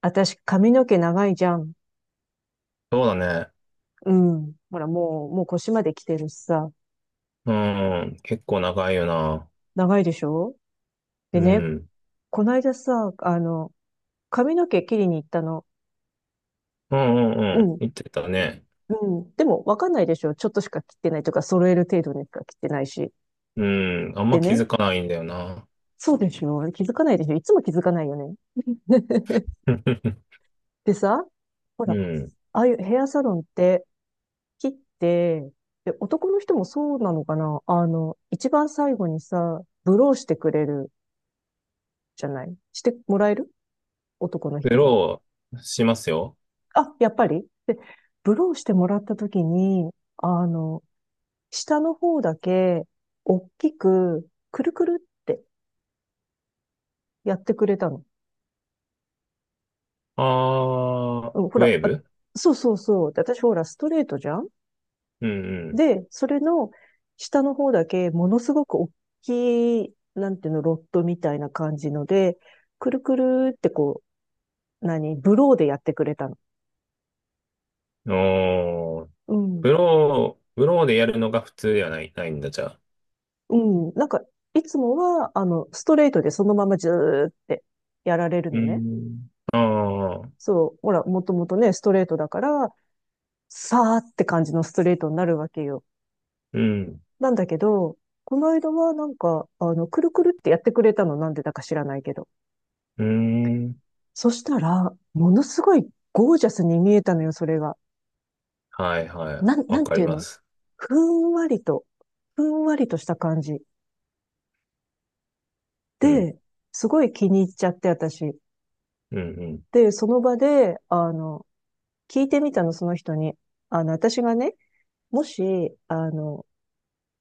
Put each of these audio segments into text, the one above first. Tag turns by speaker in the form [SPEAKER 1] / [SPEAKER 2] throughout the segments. [SPEAKER 1] 私、髪の毛長いじゃん。
[SPEAKER 2] そうだね。
[SPEAKER 1] うん。ほら、もう腰まで来てるしさ。
[SPEAKER 2] うん、うん結構長いよな。
[SPEAKER 1] 長いでしょ？
[SPEAKER 2] う
[SPEAKER 1] でね、
[SPEAKER 2] ん。
[SPEAKER 1] こないださ、髪の毛切りに行ったの。
[SPEAKER 2] うんうんう
[SPEAKER 1] う
[SPEAKER 2] ん。
[SPEAKER 1] ん。
[SPEAKER 2] 言ってたね。
[SPEAKER 1] うん。でも、わかんないでしょ？ちょっとしか切ってないとか、揃える程度にしか切ってないし。
[SPEAKER 2] うん。あんま
[SPEAKER 1] で
[SPEAKER 2] 気づ
[SPEAKER 1] ね、
[SPEAKER 2] かないんだよな。
[SPEAKER 1] そうでしょ？気づかないでしょ？いつも気づかないよね。でさ、ほ
[SPEAKER 2] う
[SPEAKER 1] ら、
[SPEAKER 2] ん。
[SPEAKER 1] ああいうヘアサロンって切って、で、男の人もそうなのかな一番最後にさ、ブローしてくれるじゃないしてもらえる？男の
[SPEAKER 2] グ
[SPEAKER 1] 人も。
[SPEAKER 2] ローしますよ。
[SPEAKER 1] あ、やっぱり？で、ブローしてもらった時に、あの、下の方だけ、大きく、くるくるってやってくれたの。
[SPEAKER 2] あー、
[SPEAKER 1] うん、ほ
[SPEAKER 2] ウェ
[SPEAKER 1] ら、
[SPEAKER 2] ー
[SPEAKER 1] あ、
[SPEAKER 2] ブ。
[SPEAKER 1] そうそうそう。で私ほら、ストレートじゃん。
[SPEAKER 2] うん
[SPEAKER 1] で、それの下の方だけ、ものすごく大きい、なんていうの、ロットみたいな感じので、くるくるってこう、何、ブローでやってくれたの。
[SPEAKER 2] うん。おー、
[SPEAKER 1] うん。
[SPEAKER 2] ブローでやるのが普通ではないんだ、じゃあ。
[SPEAKER 1] うん。なんか、いつもは、ストレートでそのままずーってやられる
[SPEAKER 2] う
[SPEAKER 1] のね。
[SPEAKER 2] ん。あー、
[SPEAKER 1] そう。ほら、もともとね、ストレートだから、さーって感じのストレートになるわけよ。
[SPEAKER 2] うん。
[SPEAKER 1] なんだけど、この間はなんか、くるくるってやってくれたの、なんでだか知らないけど。
[SPEAKER 2] うん。
[SPEAKER 1] そしたら、ものすごいゴージャスに見えたのよ、それが。
[SPEAKER 2] はいはい。
[SPEAKER 1] な
[SPEAKER 2] わ
[SPEAKER 1] ん
[SPEAKER 2] か
[SPEAKER 1] て
[SPEAKER 2] り
[SPEAKER 1] いう
[SPEAKER 2] ま
[SPEAKER 1] の？
[SPEAKER 2] す。
[SPEAKER 1] ふんわりと、ふんわりとした感じ。
[SPEAKER 2] うん。
[SPEAKER 1] で、すごい気に入っちゃって、私。
[SPEAKER 2] うん
[SPEAKER 1] で、その場で、聞いてみたの、その人に。私がね、もし、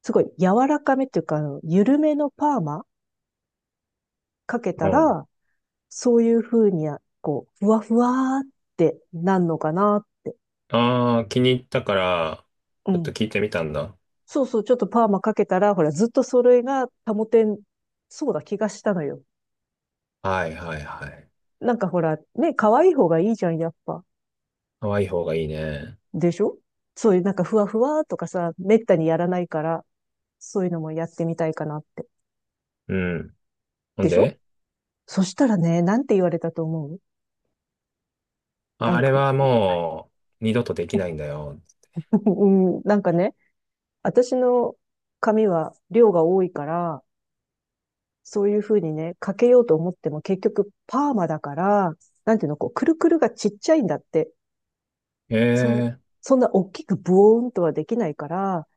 [SPEAKER 1] すごい柔らかめっていうか、緩めのパーマかけ
[SPEAKER 2] う
[SPEAKER 1] た
[SPEAKER 2] ん。
[SPEAKER 1] ら、そういう風に、こう、ふわふわーってなんのかな。
[SPEAKER 2] ああ、気に入ったから、
[SPEAKER 1] う
[SPEAKER 2] ちょっと
[SPEAKER 1] ん。
[SPEAKER 2] 聞いてみたんだ。
[SPEAKER 1] そうそう、ちょっとパーマかけたら、ほら、ずっとそれが保てん、そうだ気がしたのよ。
[SPEAKER 2] はいはいはい。
[SPEAKER 1] なんかほら、ね、可愛い方がいいじゃん、やっぱ。
[SPEAKER 2] 可愛い方がいいね。
[SPEAKER 1] でしょ？そういうなんかふわふわーとかさ、めったにやらないから、そういうのもやってみたいかなって。
[SPEAKER 2] うん。ほ
[SPEAKER 1] で
[SPEAKER 2] ん
[SPEAKER 1] しょ？
[SPEAKER 2] で、
[SPEAKER 1] そしたらね、なんて言われたと思う？な
[SPEAKER 2] あ
[SPEAKER 1] ん
[SPEAKER 2] れ
[SPEAKER 1] か、
[SPEAKER 2] は もう二度とできないんだよ。
[SPEAKER 1] うん、なんかね、私の髪は量が多いから、そういうふうにね、かけようと思っても結局パーマだから、なんていうの、こう、くるくるがちっちゃいんだって。
[SPEAKER 2] え
[SPEAKER 1] そ、
[SPEAKER 2] え、
[SPEAKER 1] そんな大きくブオーンとはできないから、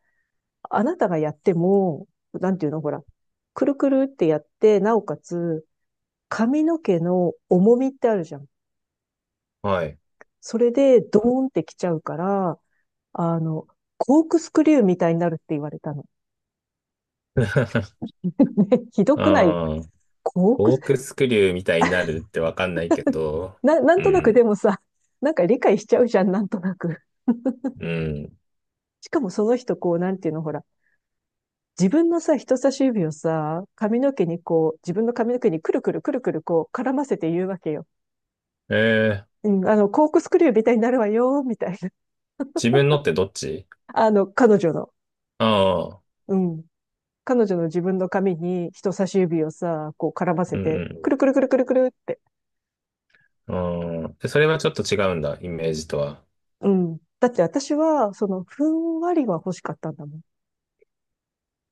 [SPEAKER 1] あなたがやっても、なんていうの、ほら、くるくるってやって、なおかつ、髪の毛の重みってあるじゃん。
[SPEAKER 2] はい。
[SPEAKER 1] それでドーンってきちゃうから、あの、コークスクリューみたいになるって言われたの。ね、ひどくない？
[SPEAKER 2] ああ、
[SPEAKER 1] コーク
[SPEAKER 2] コ
[SPEAKER 1] ス、
[SPEAKER 2] ークスクリューみたいになるってわかんないけど、
[SPEAKER 1] なん
[SPEAKER 2] う
[SPEAKER 1] となくで
[SPEAKER 2] ん、
[SPEAKER 1] もさ、なんか理解しちゃうじゃん、なんとなく。
[SPEAKER 2] うん。
[SPEAKER 1] しかもその人、こう、なんていうの、ほら、自分のさ、人差し指をさ、髪の毛にこう、自分の髪の毛にくるくるくるくるこう、絡ませて言うわけよ。
[SPEAKER 2] ええ、
[SPEAKER 1] うん、コークスクリューみたいになるわよ、みたいな。
[SPEAKER 2] 自分のってどっち？
[SPEAKER 1] あの、彼女の、
[SPEAKER 2] ああ、
[SPEAKER 1] うん。彼女の自分の髪に人差し指をさ、こう絡ま
[SPEAKER 2] う
[SPEAKER 1] せて、く
[SPEAKER 2] ん
[SPEAKER 1] るくるくるくるくるって。
[SPEAKER 2] うん。ああ、でそれはちょっと違うんだ、イメージとは。
[SPEAKER 1] うん。だって私は、その、ふんわりは欲しかったんだもん。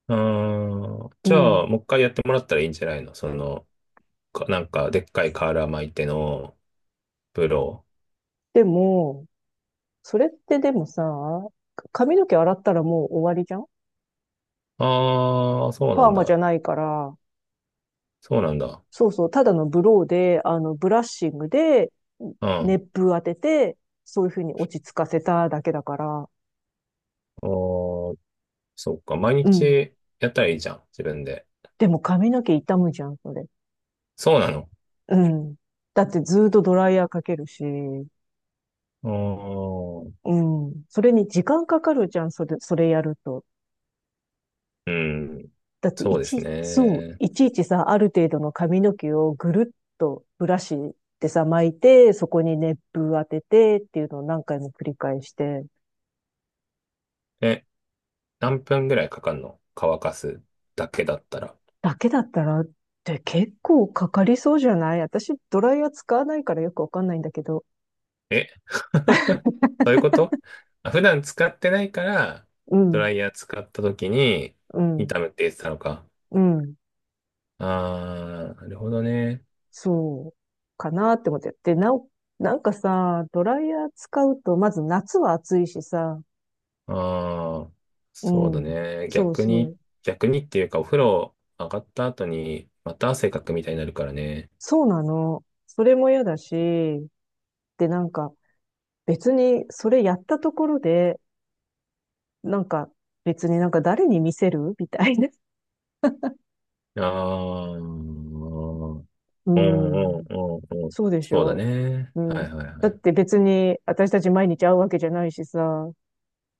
[SPEAKER 2] ああ、
[SPEAKER 1] う
[SPEAKER 2] じゃあ、
[SPEAKER 1] ん。
[SPEAKER 2] もう一回やってもらったらいいんじゃないの、その、か、なんか、でっかい瓦巻いてのプロ。
[SPEAKER 1] でも、それってでもさ、髪の毛洗ったらもう終わりじゃん。
[SPEAKER 2] ああ、そうな
[SPEAKER 1] パー
[SPEAKER 2] ん
[SPEAKER 1] マじ
[SPEAKER 2] だ。
[SPEAKER 1] ゃないから、
[SPEAKER 2] そうなんだ。
[SPEAKER 1] そうそう、ただのブローで、ブラッシングで、
[SPEAKER 2] うん。あ
[SPEAKER 1] 熱風当てて、そういうふうに落ち着かせただけだから、
[SPEAKER 2] ーそっか。毎
[SPEAKER 1] うん。
[SPEAKER 2] 日やったらいいじゃん。自分で。
[SPEAKER 1] でも髪の毛傷むじゃん、それ。
[SPEAKER 2] そうなの。
[SPEAKER 1] うん。だってずーっとドライヤーかけるし、
[SPEAKER 2] あー
[SPEAKER 1] うん。それに時間かかるじゃん、それ、それやると。
[SPEAKER 2] うん。
[SPEAKER 1] だって
[SPEAKER 2] そ
[SPEAKER 1] い
[SPEAKER 2] うです
[SPEAKER 1] ち、そう、
[SPEAKER 2] ね。
[SPEAKER 1] いちいちさ、ある程度の髪の毛をぐるっとブラシでさ、巻いて、そこに熱風当ててっていうのを何回も繰り返して、
[SPEAKER 2] え、何分ぐらいかかんの？乾かすだけだったら。
[SPEAKER 1] だけだったらって結構かかりそうじゃない？私、ドライヤー使わないからよくわかんないんだけど、
[SPEAKER 2] え。 そういうこと？あ、普段使ってないから、
[SPEAKER 1] う
[SPEAKER 2] ド
[SPEAKER 1] ん、
[SPEAKER 2] ライヤー使った時に、
[SPEAKER 1] うん、
[SPEAKER 2] 痛むって言ってたのか。
[SPEAKER 1] うん、
[SPEAKER 2] ああ、なるほどね。
[SPEAKER 1] そう、かなって思って。で、なお、なんかさ、ドライヤー使うと、まず夏は暑いしさ、
[SPEAKER 2] ああ、
[SPEAKER 1] う
[SPEAKER 2] そうだ
[SPEAKER 1] ん、
[SPEAKER 2] ね。
[SPEAKER 1] そう
[SPEAKER 2] 逆
[SPEAKER 1] そ
[SPEAKER 2] に、
[SPEAKER 1] う、
[SPEAKER 2] 逆にっていうか、お風呂上がった後に、また汗かくみたいになるからね。
[SPEAKER 1] そうなの。それも嫌だし、ってなんか別にそれやったところで、なんか別になんか誰に見せる？ みたいな。
[SPEAKER 2] ああ、うん
[SPEAKER 1] う
[SPEAKER 2] う
[SPEAKER 1] ん。
[SPEAKER 2] んうんうん。
[SPEAKER 1] そうでし
[SPEAKER 2] そうだ
[SPEAKER 1] ょ？
[SPEAKER 2] ね。
[SPEAKER 1] う
[SPEAKER 2] は
[SPEAKER 1] ん。
[SPEAKER 2] いはいは
[SPEAKER 1] だって
[SPEAKER 2] い。
[SPEAKER 1] 別に私たち毎日会うわけじゃないしさ。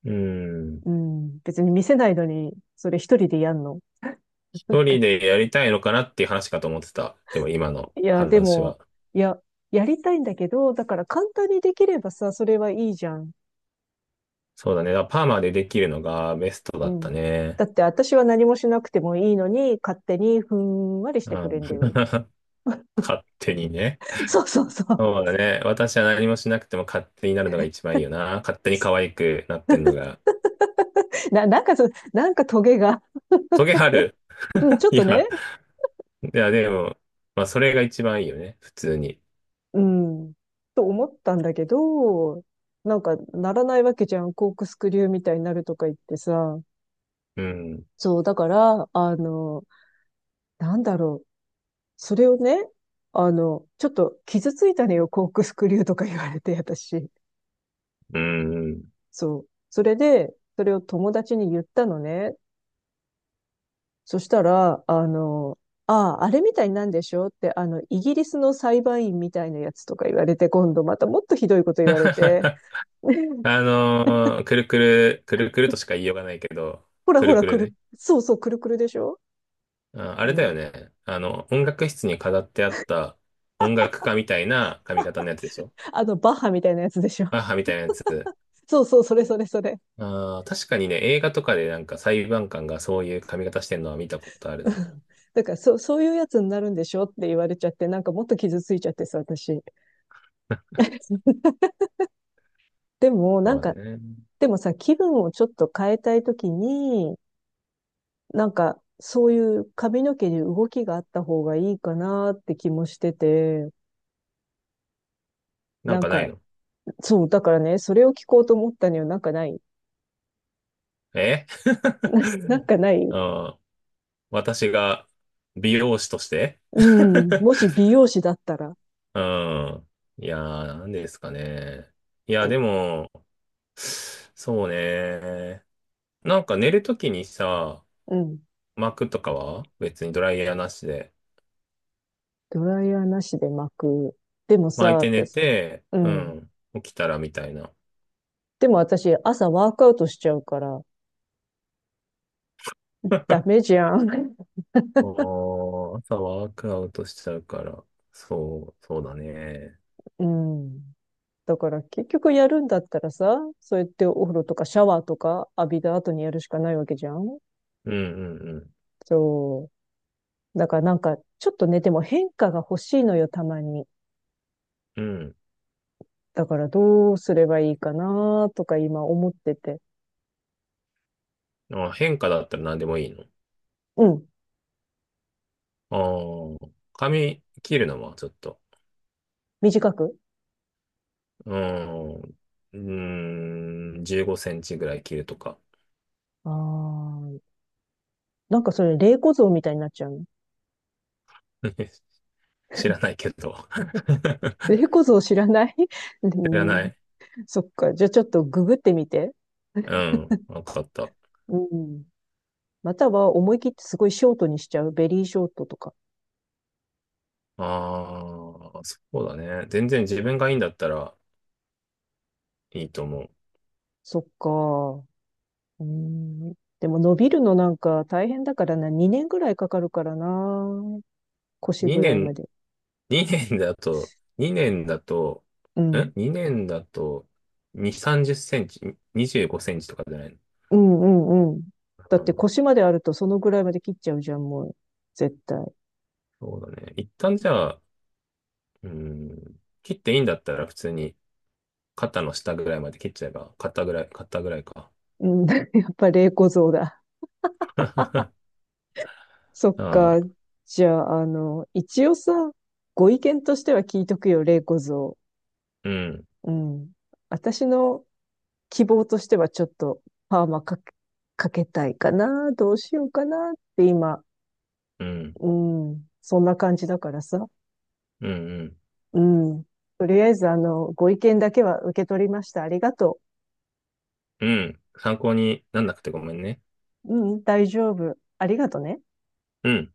[SPEAKER 2] うん。
[SPEAKER 1] うん。別に見せないのに、それ一人でやんの。
[SPEAKER 2] 一
[SPEAKER 1] なん
[SPEAKER 2] 人
[SPEAKER 1] か、
[SPEAKER 2] でやりたいのかなっていう話かと思ってた。でも今の
[SPEAKER 1] いや、で
[SPEAKER 2] 話
[SPEAKER 1] も、
[SPEAKER 2] は。
[SPEAKER 1] いや、やりたいんだけど、だから簡単にできればさ、それはいいじゃん。
[SPEAKER 2] そうだね。だからパーマでできるのがベストだ
[SPEAKER 1] う
[SPEAKER 2] った
[SPEAKER 1] ん。
[SPEAKER 2] ね。
[SPEAKER 1] だって私は何もしなくてもいいのに、勝手にふんわりし
[SPEAKER 2] う
[SPEAKER 1] てく
[SPEAKER 2] ん。
[SPEAKER 1] れんだよ。
[SPEAKER 2] 勝手にね。
[SPEAKER 1] そうそうそう。
[SPEAKER 2] そうだね。私は何もしなくても勝手になるのが一番いいよな。勝手に可愛くなってんのが。
[SPEAKER 1] なんかそう、なんかトゲが、
[SPEAKER 2] トゲある？
[SPEAKER 1] うんち ょっ
[SPEAKER 2] い
[SPEAKER 1] とね、
[SPEAKER 2] や、いや、でも、まあ、それが一番いいよね。普通に。
[SPEAKER 1] うん、と思ったんだけど、なんかならないわけじゃん。コークスクリューみたいになるとか言ってさ。
[SPEAKER 2] うん。
[SPEAKER 1] そう、だから、なんだろう。それをね、ちょっと傷ついたのよ、コークスクリューとか言われて、私。
[SPEAKER 2] うん。
[SPEAKER 1] そう。それで、それを友達に言ったのね。そしたら、ああ、あれみたいになんでしょうって、イギリスの裁判員みたいなやつとか言われて、今度またもっとひどいこと言われて、
[SPEAKER 2] くるくる、くるくるとしか言いようがないけど。
[SPEAKER 1] ほら
[SPEAKER 2] く
[SPEAKER 1] ほ
[SPEAKER 2] る
[SPEAKER 1] ら、
[SPEAKER 2] くる
[SPEAKER 1] くる、
[SPEAKER 2] ね。
[SPEAKER 1] そうそう、くるくるでしょ？
[SPEAKER 2] あ、あ
[SPEAKER 1] う
[SPEAKER 2] れだよ
[SPEAKER 1] ん、
[SPEAKER 2] ね。あの、音楽室に飾ってあった音楽家みたいな髪型のやつでしょ？
[SPEAKER 1] あの、バッハみたいなやつでしょ？
[SPEAKER 2] 母みたいなやつ。
[SPEAKER 1] そうそう、それそれそれ。
[SPEAKER 2] あー確かにね、映画とかでなんか裁判官がそういう髪型してるのは見たことある
[SPEAKER 1] う
[SPEAKER 2] な。
[SPEAKER 1] ん、だから、そう、そういうやつになるんでしょって言われちゃって、なんかもっと傷ついちゃってさ、私。でも、な
[SPEAKER 2] そ
[SPEAKER 1] ん
[SPEAKER 2] うだ
[SPEAKER 1] か、
[SPEAKER 2] ね。
[SPEAKER 1] でもさ、気分をちょっと変えたいときに、なんか、そういう髪の毛に動きがあった方がいいかなって気もしてて、
[SPEAKER 2] なん
[SPEAKER 1] なん
[SPEAKER 2] かない
[SPEAKER 1] か、
[SPEAKER 2] の？
[SPEAKER 1] そう、だからね、それを聞こうと思ったにはなんかない？
[SPEAKER 2] え。
[SPEAKER 1] なんかな い？
[SPEAKER 2] うん。私が美容師として。
[SPEAKER 1] うん、もし美容師だったら、
[SPEAKER 2] うん。いやー、なんですかね。いや、
[SPEAKER 1] だ
[SPEAKER 2] でも、そうね。なんか寝るときにさ、
[SPEAKER 1] うん、
[SPEAKER 2] 巻くとかは別にドライヤーなしで
[SPEAKER 1] ドライヤーなしで巻く。でもさ、
[SPEAKER 2] 巻いて寝
[SPEAKER 1] 私、
[SPEAKER 2] て、
[SPEAKER 1] う
[SPEAKER 2] う
[SPEAKER 1] ん。
[SPEAKER 2] ん、起きたらみたいな。
[SPEAKER 1] でも私、朝ワークアウトしちゃうから、ダメ じゃん。
[SPEAKER 2] おー、朝ワークアウトしちゃうから。そう、そうだね。
[SPEAKER 1] うん。だから結局やるんだったらさ、そうやってお風呂とかシャワーとか浴びた後にやるしかないわけじゃん。
[SPEAKER 2] うんうん
[SPEAKER 1] そう。だからなんか、ちょっとね、でも変化が欲しいのよ、たまに。
[SPEAKER 2] うん。うん。
[SPEAKER 1] だからどうすればいいかなとか今思ってて。
[SPEAKER 2] あ、変化だったら何でもいいの？
[SPEAKER 1] うん、
[SPEAKER 2] ああ、髪切るのはちょっと、
[SPEAKER 1] 短く
[SPEAKER 2] うーん、うーん、15センチぐらい切るとか。
[SPEAKER 1] あーなんかそれ、霊子像みたいになっちゃうの。
[SPEAKER 2] 知らないけど。
[SPEAKER 1] 霊子像知らない？ う
[SPEAKER 2] 知らな
[SPEAKER 1] ん、
[SPEAKER 2] い。
[SPEAKER 1] そっか。じゃあちょっとググってみて。
[SPEAKER 2] うん、わかった。
[SPEAKER 1] うん。または思い切ってすごいショートにしちゃう。ベリーショートとか。
[SPEAKER 2] ああ、そうだね。全然自分がいいんだったらいいと思う。
[SPEAKER 1] そっか。うん。でも伸びるのなんか大変だからな。2年ぐらいかかるからな。腰
[SPEAKER 2] 2
[SPEAKER 1] ぐらいま
[SPEAKER 2] 年、
[SPEAKER 1] で。
[SPEAKER 2] 2年だと、2年だと、
[SPEAKER 1] うん。
[SPEAKER 2] 2 年だと、2、30センチ、25センチとかじゃないの？
[SPEAKER 1] うんうんうん。
[SPEAKER 2] う
[SPEAKER 1] だって
[SPEAKER 2] ん、
[SPEAKER 1] 腰まであるとそのぐらいまで切っちゃうじゃん、もう。絶対。
[SPEAKER 2] そうだね。一旦じゃあ、うん、切っていいんだったら普通に肩の下ぐらいまで切っちゃえば、肩ぐらいか。
[SPEAKER 1] うん、やっぱ霊小像だ。そっ
[SPEAKER 2] あ
[SPEAKER 1] か。
[SPEAKER 2] あ、
[SPEAKER 1] じゃあ、一応さ、ご意見としては聞いとくよ、霊小像。
[SPEAKER 2] うん、
[SPEAKER 1] うん。私の希望としてはちょっとパーマかけ、かけたいかな、どうしようかなって今、
[SPEAKER 2] うん、
[SPEAKER 1] うん、そんな感じだからさ。
[SPEAKER 2] うん、うん、
[SPEAKER 1] うん。とりあえず、ご意見だけは受け取りました。ありがと
[SPEAKER 2] うん。参考になんなくてごめんね。
[SPEAKER 1] う。うん、大丈夫。ありがとね。
[SPEAKER 2] うん。